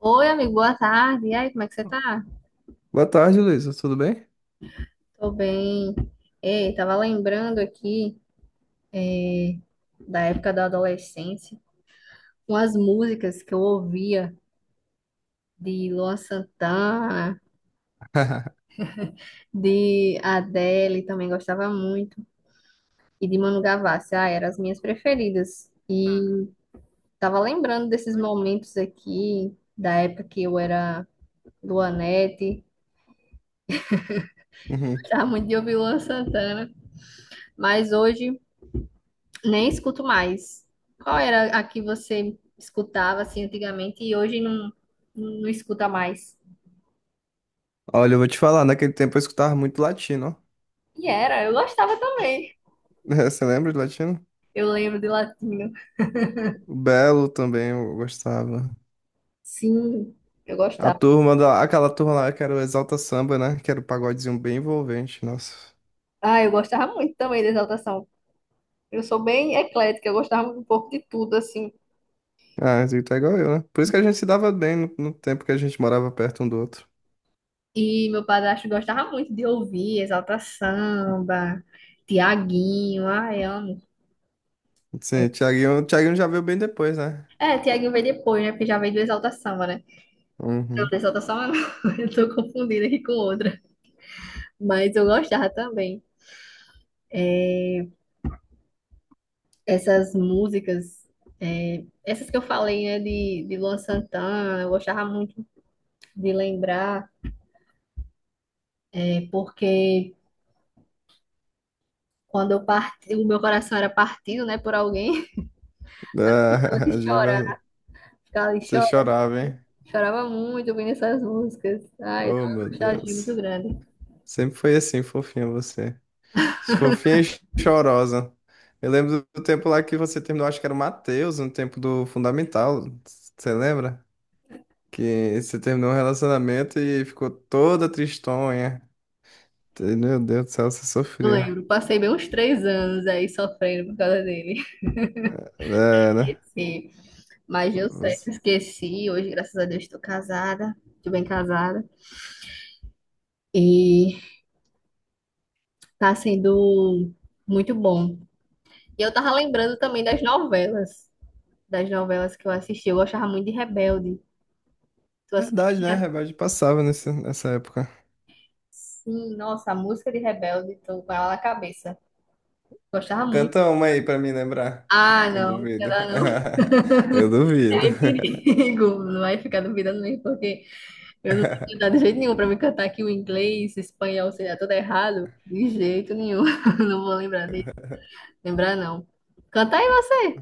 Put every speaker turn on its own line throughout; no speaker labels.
Oi, amigo, boa tarde. E aí, como é que você tá?
Boa tarde, Luísa. Tudo bem?
Tô bem. Ei, tava lembrando aqui é, da época da adolescência, umas músicas que eu ouvia de Luan Santana, de Adele, também gostava muito, e de Manu Gavassi. Ah, eram as minhas preferidas. E tava lembrando desses momentos aqui, da época que eu era Luanete,
Uhum.
gostava muito de ouvir Luan Santana, mas hoje nem escuto mais. Qual era a que você escutava assim antigamente e hoje não, não escuta mais?
Olha, eu vou te falar, naquele tempo eu escutava muito latino, ó.
E era, eu gostava também.
Você lembra de latino?
Eu lembro de Latino.
O Belo também eu gostava.
Sim, eu
A
gostava.
turma da... Aquela turma lá que era o Exalta Samba, né? Que era o pagodezinho bem envolvente, nossa.
Ah, eu gostava muito também de Exaltação. Eu sou bem eclética, eu gostava um pouco de tudo, assim.
Ah, você tá igual eu, né? Por isso que a gente se dava bem no tempo que a gente morava perto um do outro.
E meu padrasto gostava muito de ouvir Exalta Samba, Tiaguinho, ai, amo.
Sim, o Thiaguinho já veio bem depois, né?
É, Tiaguinho veio depois, né? Porque já veio do Exalta Samba, né? Não,
Uhum.
do Exalta Samba não. Eu tô confundida aqui com outra. Mas eu gostava também. Essas músicas, essas que eu falei, né, de Luan Santana, eu gostava muito de lembrar, porque quando eu parti, o meu coração era partido, né, por alguém,
Ah,
ela que
de
chora,
verdade.
ficava ali
Você
chorando,
chorava, hein?
chorava muito ouvindo essas músicas. Ai, dava
Oh, meu
uma nostalgia muito
Deus.
grande.
Sempre foi assim, fofinho você. Fofinha e chorosa. Eu lembro do tempo lá que você terminou, acho que era o Matheus, no tempo do Fundamental. Você lembra? Que você terminou um relacionamento e ficou toda tristonha. Meu Deus do céu, você
Eu
sofria.
lembro, passei bem uns 3 anos aí sofrendo por causa dele.
É, né?
Esqueci, mas eu sei,
Você...
esqueci, hoje, graças a Deus, estou casada, estou bem casada. E tá sendo muito bom. E eu tava lembrando também das novelas que eu assisti. Eu gostava muito de Rebelde. Tu
Verdade, né?
assistia?
Rebelde passava nessa época.
Sim, nossa, a música de Rebelde, tô com ela na cabeça. Gostava muito.
Canta uma aí pra me lembrar.
Ah,
Que eu
não,
duvido.
ela não
Eu duvido.
tem perigo. Não vai ficar duvidando mesmo, porque eu não tenho cuidado de jeito nenhum pra me cantar aqui o inglês, espanhol, sei lá, tudo errado. De jeito nenhum. Não vou lembrar de lembrar, não. Canta aí você.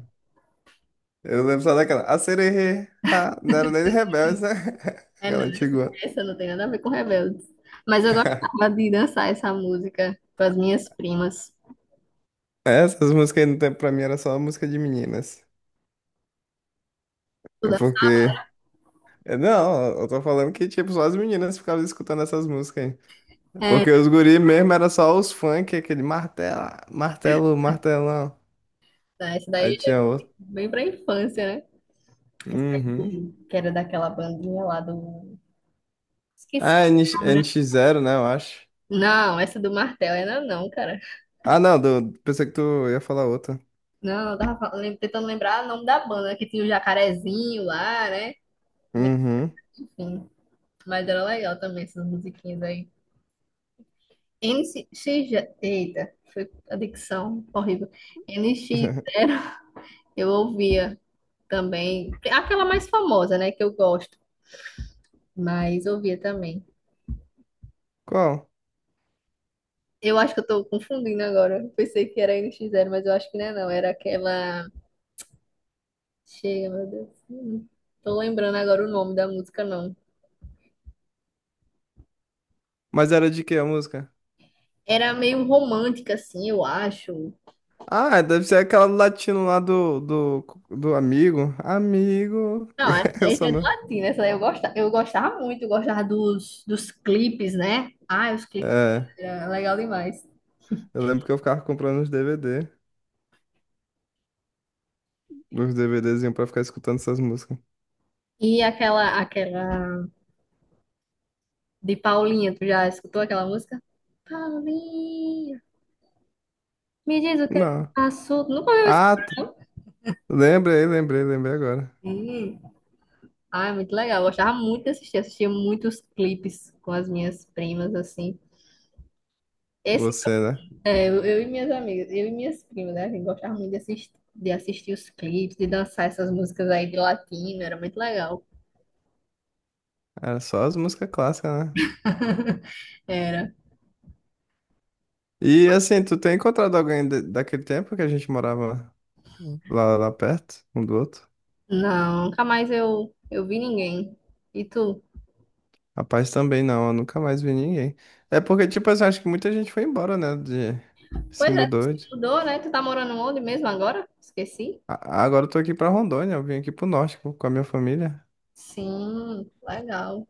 Eu lembro só daquela. A sererê. Ah, não era nem de Rebeldes, né?
É, não,
Aquela
essa,
antiga.
essa não tem nada a ver com Rebeldes. Mas eu gostava de dançar essa música com as minhas primas.
É, essas músicas não tem pra mim, era só música de meninas.
Tu
É
dança-
porque... é, não, eu tô falando que, tipo, só as meninas ficavam escutando essas músicas aí. É
É,
porque os guri mesmo era só os funk, aquele martelo, martelo, martelão.
tá, essa daí
Aí
é
tinha outro.
bem pra infância, né? Essa
Uhum.
aí, que era daquela bandinha lá do. Esqueci
Ah, NX,
o nome, né?
nx zero né, eu acho.
Não, essa do martelo ainda não, cara.
Ah, não, do- pensei que tu ia falar outra.
Não, eu tentando lembrar o nome da banda, que tinha o jacarezinho lá, né?
Uhum.
Enfim, mas era legal também essas musiquinhas aí. N NX, eita, foi a dicção horrível. N X eu ouvia também. Aquela mais famosa, né? Que eu gosto. Mas ouvia também.
Qual?
Eu acho que eu tô confundindo agora. Eu pensei que era NX Zero, mas eu acho que não é não. Era aquela. Chega, meu Deus. Não tô lembrando agora o nome da música, não.
Mas era de que a música?
Era meio romântica, assim, eu acho.
Ah, deve ser aquela do latino lá do amigo. Amigo.
Não, essa aí
Essa,
é do
né?
latino. Essa aí eu gostava muito. Eu gostava dos clipes, né? Ah, os clipes.
É.
Era legal demais.
Eu lembro que eu ficava comprando os DVD, os DVDzinhos pra ficar escutando essas músicas.
E aquela de Paulinha, tu já escutou aquela música? Paulinha, me diz o que é que
Não.
passou. Tu nunca ouviu essa?
Ah, t- lembrei agora.
Hum. Ah, é muito legal. Eu gostava muito de assistir. Assistia muitos clipes com as minhas primas, assim. Esse,
Você, né?
eu e minhas amigas, eu e minhas primas, né? A gente gostava muito de assistir os clipes, de dançar essas músicas aí de latino. Era muito legal.
Era só as músicas clássicas, né?
Era.
E assim, tu tem encontrado alguém de- daquele tempo que a gente morava lá perto, um do outro?
Não, nunca mais eu vi ninguém. E tu?
Rapaz, também não, eu nunca mais vi ninguém. É porque, tipo assim, acho que muita gente foi embora, né? De... Se
Pois é, tu
mudou
se
de...
mudou, né? Tu tá morando onde mesmo agora? Esqueci.
Agora eu tô aqui pra Rondônia, eu vim aqui pro norte com a minha família.
Sim, legal.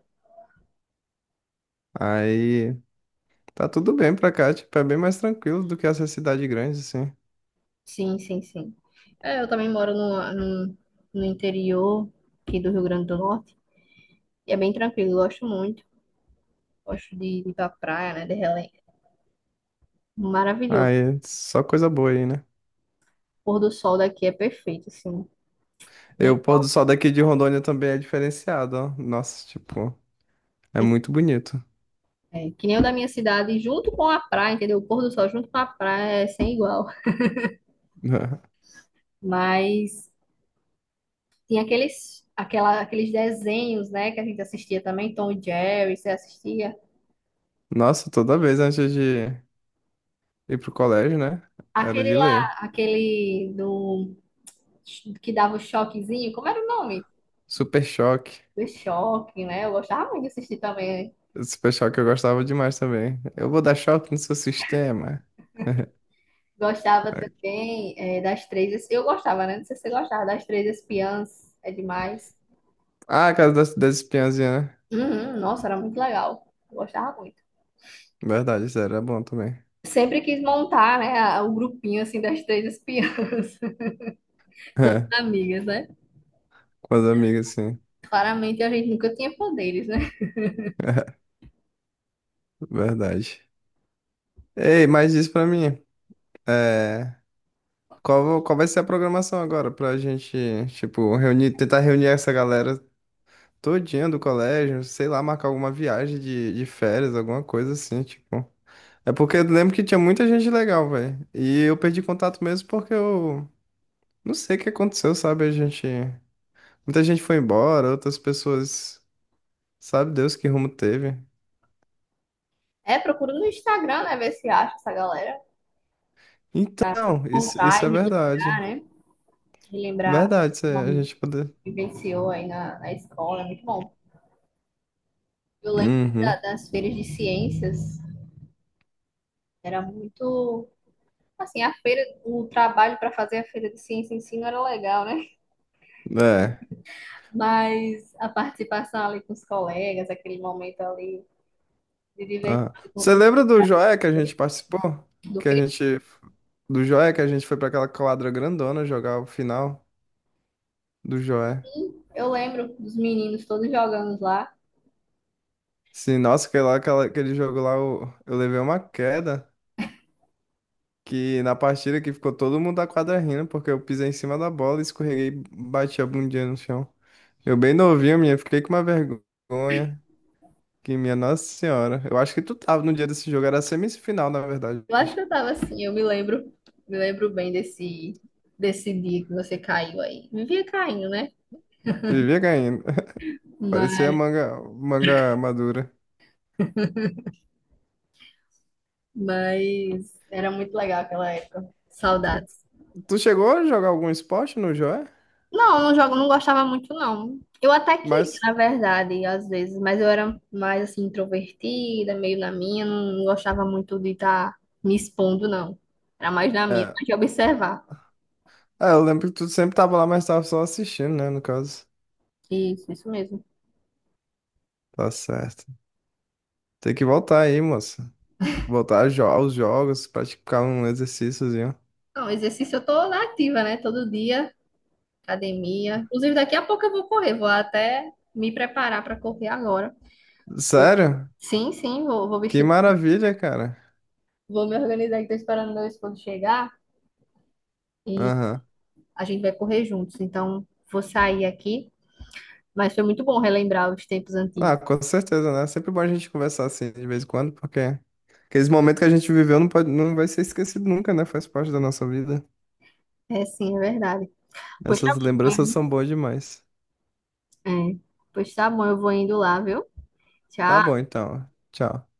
Aí. Tá tudo bem pra cá, tipo, é bem mais tranquilo do que essa cidade grande, assim.
Sim, sim, sim. É, eu também moro no, no interior aqui do Rio Grande do Norte. E é bem tranquilo, gosto muito. Gosto de ir pra praia, né? De relé. Maravilhoso.
Aí, só coisa boa aí, né?
O pôr do sol daqui é perfeito, assim.
E
Nem
o pôr do
top,
sol daqui de Rondônia também é diferenciado, ó. Nossa, tipo, é
mas
muito bonito.
é, que nem o da minha cidade, junto com a praia, entendeu? O pôr do sol junto com a praia é sem igual. Mas tem aqueles desenhos, né? Que a gente assistia também, Tom e Jerry, você assistia.
Nossa, toda vez antes de ir pro colégio, né? Era
Aquele
de ler.
lá, aquele do que dava o choquezinho, como era o nome?
Super choque.
Do Choque, né? Eu gostava muito de assistir também.
Super choque eu gostava demais também. Eu vou dar choque no seu sistema.
Gostava também é, das Três. Eu gostava, né? Não sei se você gostava das Três Espiãs. É demais.
Ah, a casa das espiãzinhas, né?
Uhum, nossa, era muito legal. Eu gostava muito.
Verdade, isso era bom também.
Sempre quis montar, né, o grupinho assim das Três Espiãs com as amigas, né?
Com as amigas, sim.
Claramente a gente nunca tinha poderes, né?
Verdade. Ei, mas diz pra mim, é, qual vai ser a programação agora pra gente, tipo, reunir, tentar reunir essa galera todinha do colégio, sei lá, marcar alguma viagem de férias, alguma coisa assim, tipo. É porque eu lembro que tinha muita gente legal, velho. E eu perdi contato mesmo porque eu não sei o que aconteceu, sabe? A gente, muita gente foi embora, outras pessoas, sabe Deus que rumo teve.
É, procura no Instagram, né, ver se acha essa galera pra
Então,
montar
isso
e
é
relembrar,
verdade.
né? Relembrar
Verdade, isso
o
é- a
momento
gente poder.
que vivenciou aí na escola, é muito bom. Eu lembro
Uhum.
das feiras de ciências, era muito. Assim, a feira, o trabalho para fazer a feira de ciência em si não era legal, né?
É.
Mas a participação ali com os colegas, aquele momento ali de divertir.
Ah. Você
Do,
lembra do Joia que a gente participou?
do
Que a
quê?
gente... Do Joia que a gente foi pra aquela quadra grandona jogar o final do Joia.
Eu lembro dos meninos todos jogando lá.
Sim, nossa, que lá, aquela, aquele jogo lá, eu levei uma queda. Que na partida que ficou todo mundo da quadra rindo, porque eu pisei em cima da bola, escorreguei e bati a bundinha no chão. Eu bem novinho, minha, fiquei com uma vergonha. Que minha Nossa Senhora. Eu acho que tu tava no dia desse jogo, era semifinal, na verdade.
Eu acho que eu tava assim, me lembro bem desse dia que você caiu aí. Vivia caindo, né?
Vivia ganhando. Parecia
Mas,
manga, manga madura.
mas era muito legal aquela época. Saudades.
Tu chegou a jogar algum esporte no Joé?
Não, não jogo, não gostava muito, não. Eu até queria,
Mas,
na verdade, às vezes, mas eu era mais assim, introvertida, meio na minha, não gostava muito de estar me expondo, não. Era mais na minha, mais
é,
de observar.
é, eu lembro que tu sempre tava lá, mas tava só assistindo, né, no caso.
Isso mesmo.
Tá certo. Tem que voltar aí, moça. Voltar a jo- aos jogos, praticar um exercíciozinho.
Não, exercício eu tô na ativa, né? Todo dia, academia. Inclusive, daqui a pouco eu vou correr, vou até me preparar para correr agora.
Sério?
Sim, sim, vou
Que
vestir,
maravilha, cara.
vou me organizar, que tô esperando meu esposo chegar e
Aham.
a gente vai correr juntos. Então, vou sair aqui. Mas foi muito bom relembrar os tempos antigos.
Ah, com certeza, né? Sempre bom a gente conversar assim de vez em quando, porque aqueles momentos que a gente viveu não pode, não vai ser esquecido nunca, né? Faz parte da nossa vida.
É, sim, é verdade. Pois tá
Essas
bom, eu vou
lembranças são
indo-
boas demais.
é. Pois tá bom, eu vou indo lá, viu?
Tá bom,
Tchau.
então. Tchau.